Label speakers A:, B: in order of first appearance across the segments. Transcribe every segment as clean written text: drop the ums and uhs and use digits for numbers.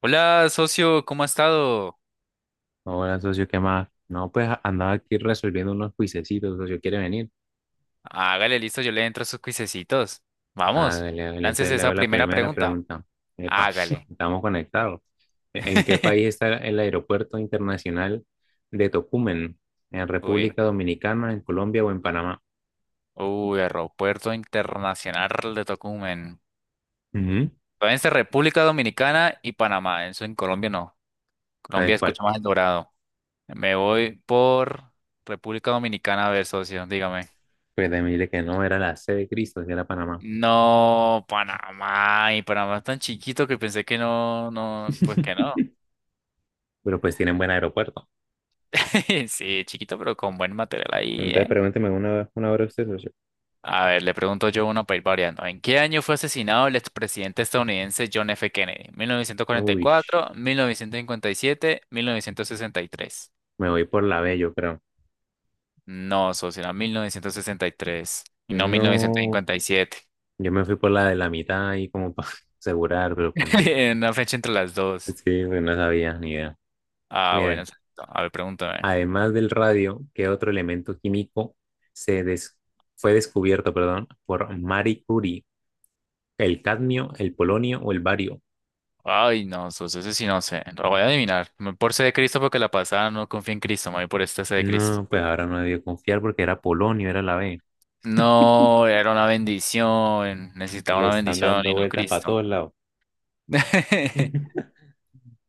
A: Hola, socio, ¿cómo ha estado?
B: Hola, socio, ¿qué más? No, pues andaba aquí resolviendo unos juicecitos, socio, ¿quiere venir?
A: Hágale, listo, yo le entro a sus cuisecitos.
B: Ah,
A: Vamos,
B: dale, dale, entonces
A: láncese
B: le
A: esa
B: hago la
A: primera
B: primera
A: pregunta.
B: pregunta. Epa,
A: Hágale.
B: estamos conectados. ¿En qué país está el aeropuerto internacional de Tocumen? ¿En
A: Uy,
B: República Dominicana, en Colombia o en Panamá?
A: uy, Aeropuerto Internacional de Tocumen.
B: Ujú,
A: Todavía está República Dominicana y Panamá. Eso en Colombia no.
B: ¿sabes
A: Colombia
B: cuál?
A: escucha más el dorado. Me voy por República Dominicana, a ver, socio, dígame.
B: Pues de mí de que no, era la C de Cristo, sí era Panamá.
A: No, Panamá. Y Panamá es tan chiquito que pensé que no, no, pues que no.
B: Pero pues tienen buen aeropuerto.
A: Sí, chiquito, pero con buen material ahí,
B: Entonces
A: ¿eh?
B: pregúnteme una hora usted, socio.
A: A ver, le pregunto yo uno para ir variando. ¿En qué año fue asesinado el expresidente estadounidense John F. Kennedy?
B: Uy,
A: ¿1944, 1957, 1963?
B: me voy por la B, yo creo.
A: No, socio, era 1963 y tres y no
B: No.
A: 1957.
B: Yo me fui por la de la mitad y como para asegurar, pero pues no.
A: Una fecha entre las dos.
B: Sí, pues no sabía ni idea.
A: Ah, bueno,
B: Miren,
A: exacto. A ver, pregúntame.
B: además del radio, ¿qué otro elemento químico se des- fue descubierto, perdón, por Marie Curie? ¿El cadmio, el polonio o el bario?
A: Ay, no, socio, ese sí no sé. Lo voy a adivinar. Me voy por C de Cristo porque la pasada no confía en Cristo. Me voy por esta C de Cristo.
B: No, pues ahora no debió confiar porque era polonio, era la B.
A: No, era una bendición. Necesitaba
B: Le
A: una
B: están
A: bendición
B: dando
A: y no
B: vueltas para todos
A: Cristo.
B: lados.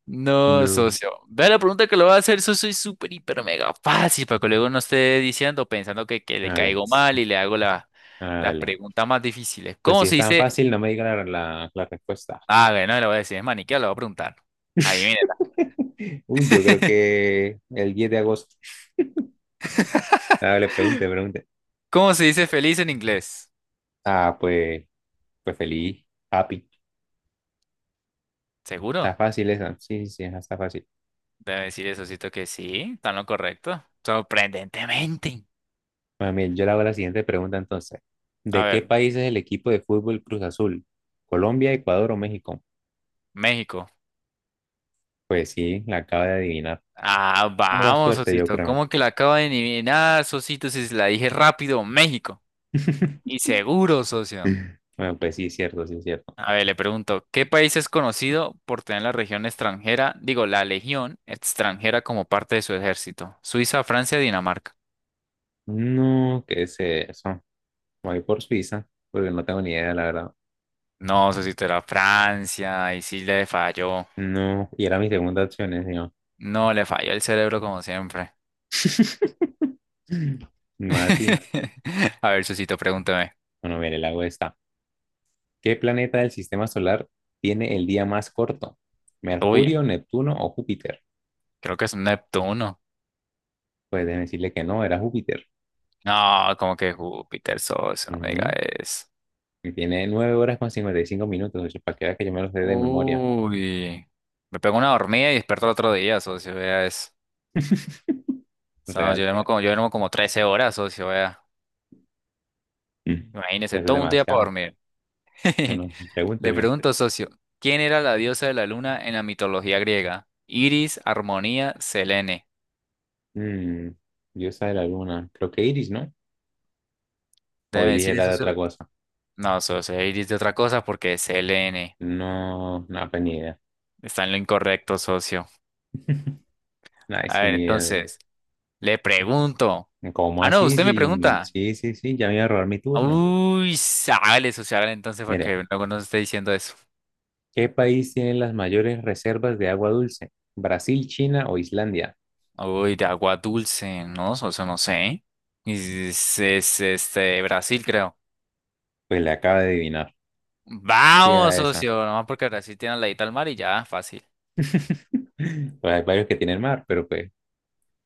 A: No,
B: No.
A: socio. Vea la pregunta que le voy a hacer, socio, es súper, hiper, mega fácil para que luego no esté diciendo, pensando que le
B: Vale,
A: caigo mal y le hago las
B: vale.
A: preguntas más difíciles.
B: Pues
A: ¿Cómo
B: si es
A: se
B: tan
A: dice?
B: fácil, no me diga la respuesta.
A: Ah, bueno, le voy a decir, es maniqueo, le voy a preguntar. Adivínela.
B: Uy, yo creo que el 10 de agosto. Ah, le pregunte, pregunte.
A: ¿Cómo se dice feliz en inglés?
B: Ah, pues, pues feliz, happy. Está
A: ¿Seguro?
B: fácil esa. Sí, sí, sí, esa está fácil.
A: Debe decir eso, que sí, está en lo correcto. Sorprendentemente.
B: Bueno, bien, yo le hago la siguiente pregunta entonces.
A: A
B: ¿De qué
A: ver,
B: país es el equipo de fútbol Cruz Azul? ¿Colombia, Ecuador o México?
A: México.
B: Pues sí, la acaba de adivinar.
A: Ah,
B: Pura
A: vamos,
B: suerte, yo
A: Sosito.
B: creo.
A: ¿Cómo que la acabo de adivinar, Sosito? Si se la dije rápido, México. Y seguro, socio.
B: Bueno, pues sí, cierto, sí, cierto.
A: A ver, le pregunto, ¿qué país es conocido por tener la región extranjera, digo, la legión extranjera como parte de su ejército? Suiza, Francia, Dinamarca.
B: No, ¿qué es eso? Voy por Suiza, porque no tengo ni idea, la verdad.
A: No, Sosito, era Francia. Y sí le falló.
B: No, y era mi segunda opción, ¿eh, señor?
A: No, le falló el cerebro como siempre.
B: Más así.
A: A ver, Sosito, pregúntame.
B: Bueno, mire, le hago esta. ¿Qué planeta del sistema solar tiene el día más corto?
A: Uy,
B: ¿Mercurio, Neptuno o Júpiter?
A: creo que es un Neptuno.
B: Pues déjeme decirle que no, era Júpiter.
A: No, como que Júpiter, socio, no me diga
B: Ujú.
A: eso.
B: Y tiene 9 horas con 55 minutos, oye, para que vea que yo me lo sé de memoria.
A: Uy, me pegó una dormida y despertó el otro día, socio, vea eso. No,
B: Real.
A: yo duermo como 13 horas, socio, vea.
B: Mm.
A: Imagínese,
B: Eso es
A: todo un día para
B: demasiado.
A: dormir.
B: Bueno,
A: Le
B: pregúntese.
A: pregunto, socio, ¿quién era la diosa de la luna en la mitología griega? Iris, Armonía, Selene.
B: Mm, diosa de la luna. Creo que Iris, ¿no? O
A: Déjeme
B: Iris
A: decirle,
B: era de otra
A: socio.
B: cosa.
A: No, socio, Iris de otra cosa porque es Selene.
B: No, no, pues ni idea.
A: Está en lo incorrecto, socio.
B: Ay,
A: A
B: sí,
A: ver,
B: ni idea.
A: entonces, le pregunto.
B: ¿Cómo
A: Ah, no,
B: así?
A: usted me
B: Sí,
A: pregunta.
B: sí, sí, sí, ya me iba a robar mi turno.
A: Uy, sale social, entonces para
B: Mire,
A: que luego nos esté diciendo eso.
B: ¿qué país tiene las mayores reservas de agua dulce? ¿Brasil, China o Islandia?
A: Uy, de agua dulce, ¿no? Socio, no sé. Este, Brasil, creo.
B: Pues le acaba de adivinar. Sí,
A: Vamos,
B: era esa.
A: socio, nomás porque Brasil tiene la ladito al mar y ya, fácil.
B: Pues hay varios que tienen mar, pero pues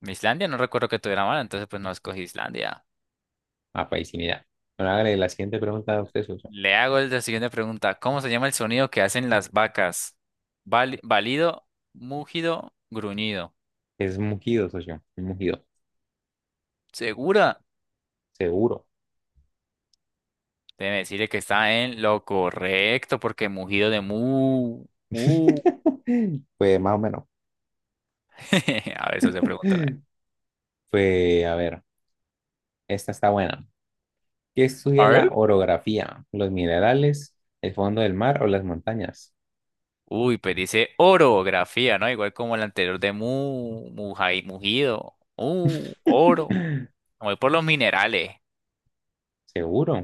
A: Islandia no recuerdo que tuviera mar, entonces pues no escogí Islandia.
B: a país sin idea. Bueno, hágale la siguiente pregunta a usted, socio.
A: Le hago la siguiente pregunta. ¿Cómo se llama el sonido que hacen las vacas? Válido, mugido, gruñido.
B: Es un mugido, socio. Un mugido.
A: ¿Segura?
B: Seguro.
A: Debe decirle que está en lo correcto, porque mugido de mu. Mu.
B: Pues más o menos.
A: A ver, eso se pregunta.
B: Pues a ver, esta está buena. ¿Qué estudia
A: A
B: la
A: ver.
B: orografía? ¿Los minerales, el fondo del mar o las montañas?
A: Uy, pero dice orografía, ¿no? Igual como el anterior de mu, mugido. Oro. Me voy por los minerales.
B: Seguro,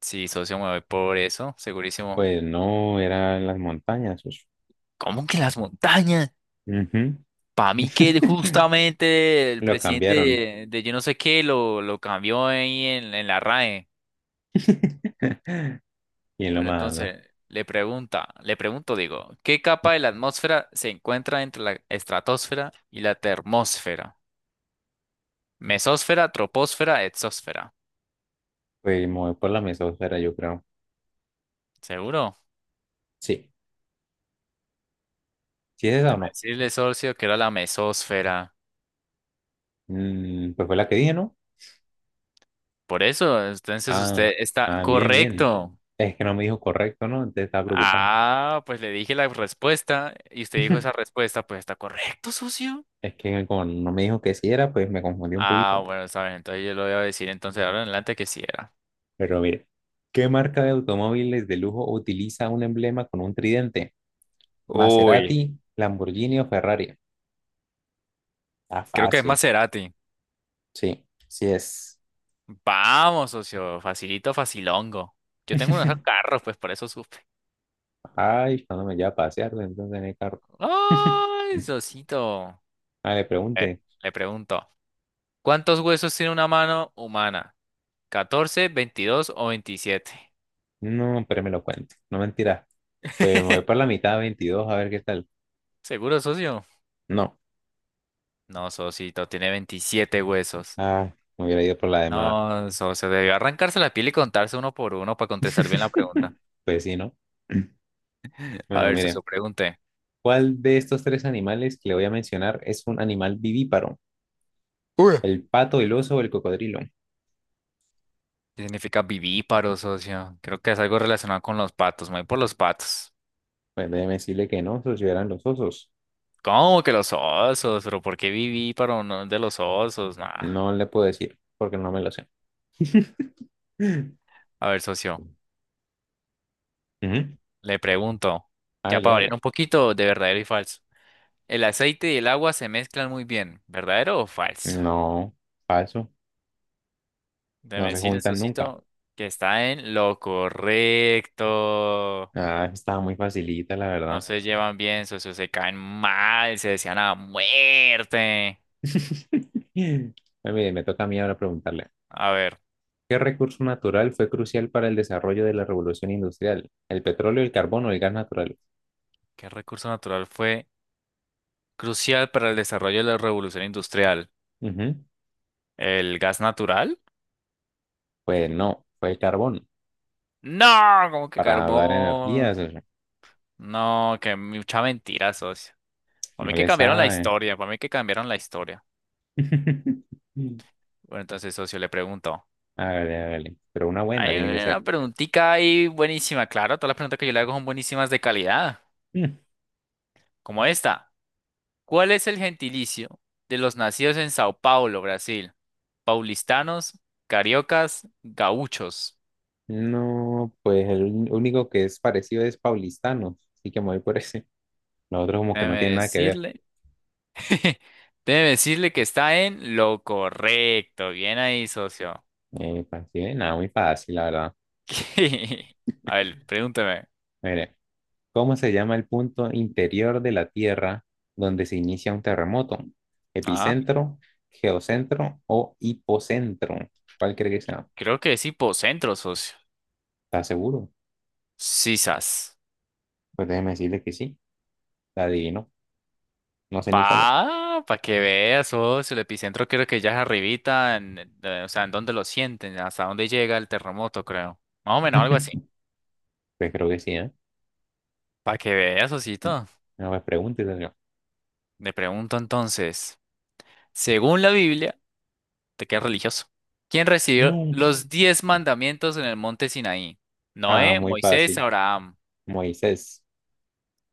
A: Sí, socio, me voy por eso, segurísimo.
B: pues no era en las montañas. Pues.
A: ¿Cómo que las montañas?
B: Ujú.
A: Para mí que justamente el
B: Lo
A: presidente
B: cambiaron.
A: de yo no sé qué lo cambió ahí en la RAE.
B: Y lo
A: Bueno, ya,
B: más,
A: entonces le pregunto, digo, ¿qué capa de la atmósfera se encuentra entre la estratosfera y la termósfera? Mesósfera, troposfera, exósfera.
B: pues me voy por la mesosfera, yo creo.
A: ¿Seguro?
B: Sí, sí es esa o
A: Te me
B: no.
A: decirle, socio, que era la mesósfera.
B: Mm, pues fue la que dije, ¿no?
A: Por eso, entonces
B: Ah,
A: usted está bien,
B: ah, bien, bien.
A: correcto.
B: Es que no me dijo correcto, ¿no? Entonces estaba preocupado.
A: Ah, pues le dije la respuesta y usted dijo esa respuesta, pues está correcto, socio.
B: Es que como no me dijo que sí era, pues me confundí un
A: Ah,
B: poquito.
A: bueno, está bien, entonces yo lo voy a decir entonces ahora en adelante que sí era.
B: Pero mire, ¿qué marca de automóviles de lujo utiliza un emblema con un tridente?
A: Uy,
B: Maserati, Lamborghini o Ferrari. Ah,
A: creo que es
B: fácil.
A: Maserati.
B: Sí, sí es.
A: Vamos, socio. Facilito, facilongo. Yo tengo unos carros, pues por eso supe.
B: Ay, cuando me lleva a pasear, entonces en el carro.
A: ¡Ay, socito!
B: Ah, le
A: Eh,
B: pregunte.
A: le pregunto, ¿cuántos huesos tiene una mano humana? 14, 22 o 27.
B: No, pero me lo cuente. No mentira. Pues me voy por la mitad, 22, a ver qué tal.
A: ¿Seguro, socio?
B: No.
A: No, socito, tiene 27 huesos.
B: Ah, me hubiera ido por la demás.
A: No, socio, debió arrancarse la piel y contarse uno por uno para contestar bien la pregunta.
B: Pues sí, ¿no?
A: A
B: Bueno,
A: ver,
B: mire.
A: socio, pregunte.
B: ¿Cuál de estos tres animales que le voy a mencionar es un animal vivíparo?
A: Uy.
B: ¿El pato, el oso o el cocodrilo?
A: ¿Qué significa vivíparo, socio? Creo que es algo relacionado con los patos. Me voy por los patos.
B: Pues déjeme decirle que no, esos sí eran los osos.
A: ¿Cómo que los osos? ¿Pero por qué viví para uno de los osos? Nah.
B: No le puedo decir porque no me lo sé.
A: A ver, socio,
B: Ujú.
A: le pregunto, ya
B: Hágale,
A: para variar
B: hágale.
A: un poquito de verdadero y falso. El aceite y el agua se mezclan muy bien, ¿verdadero o falso?
B: No, falso. No
A: Déjeme
B: se
A: decirle,
B: juntan nunca.
A: socito, que está en lo correcto.
B: Ah, estaba muy facilita, la
A: No
B: verdad.
A: se llevan bien, socio, se caen mal, se desean a muerte.
B: Bueno, mire, me toca a mí ahora preguntarle.
A: A ver,
B: ¿Qué recurso natural fue crucial para el desarrollo de la revolución industrial? ¿El petróleo, el carbón o el gas natural?
A: ¿qué recurso natural fue crucial para el desarrollo de la revolución industrial?
B: Ujú.
A: ¿El gas natural?
B: Pues no, fue el carbón
A: No, como que
B: para dar
A: carbón.
B: energías. O sea,
A: No, que mucha mentira, socio. Para mí
B: no
A: que
B: le
A: cambiaron la
B: sabe.
A: historia, para mí que cambiaron la historia. Bueno, entonces, socio, le pregunto.
B: Hágale, hágale. Pero una buena
A: Hay
B: tiene que
A: una
B: ser.
A: preguntita ahí buenísima, claro, todas las preguntas que yo le hago son buenísimas de calidad, como esta. ¿Cuál es el gentilicio de los nacidos en Sao Paulo, Brasil? Paulistanos, cariocas, gauchos.
B: No, pues el único que es parecido es paulistano, así que me voy por ese. Los otros como que no
A: Déjeme
B: tienen nada que ver.
A: decirle, déjeme decirle que está en lo correcto. Bien ahí, socio.
B: Pues, sí, nada, muy fácil, la verdad.
A: A ver, pregúntame.
B: Mire, ¿cómo se llama el punto interior de la Tierra donde se inicia un terremoto?
A: Ah,
B: ¿Epicentro, geocentro o hipocentro? ¿Cuál cree que sea?
A: creo que es hipocentro, socio.
B: ¿Está seguro?
A: Sisas.
B: Pues déjeme decirle que sí, la adivino. No sé ni cómo.
A: Pa que veas, socio. El epicentro creo que ya es arribita, o sea, en dónde lo sienten, hasta dónde llega el terremoto, creo. Más o menos algo así.
B: Pues creo que sí, ¿eh?
A: Pa que veas, socito.
B: No, pues pregúntese.
A: Le pregunto entonces, según la Biblia, te quedas religioso. ¿Quién recibió
B: No.
A: los 10 mandamientos en el monte Sinaí?
B: Ah,
A: Noé,
B: muy
A: Moisés,
B: fácil.
A: Abraham.
B: Moisés.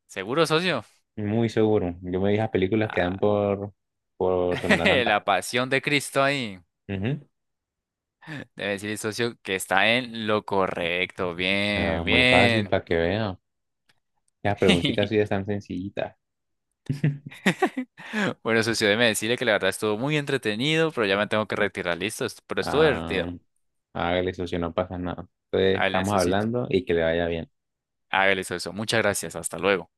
A: ¿Seguro, socio?
B: Muy seguro. Yo me vi las películas que dan
A: Ah,
B: por Semana Santa.
A: la pasión de Cristo ahí.
B: Ujú.
A: Debe decirle, socio, que está en lo correcto.
B: Ah,
A: Bien,
B: muy fácil
A: bien.
B: para que vean. Las preguntitas sí están sencillitas.
A: Bueno, socio, déjeme decirle que la verdad estuvo muy entretenido, pero ya me tengo que retirar. Listo, pero estuvo
B: Ah,
A: divertido.
B: hágale, socio, no pasa nada. Entonces,
A: Hágale,
B: estamos
A: socito.
B: hablando y que le vaya bien.
A: Hágale, socio. Muchas gracias. Hasta luego.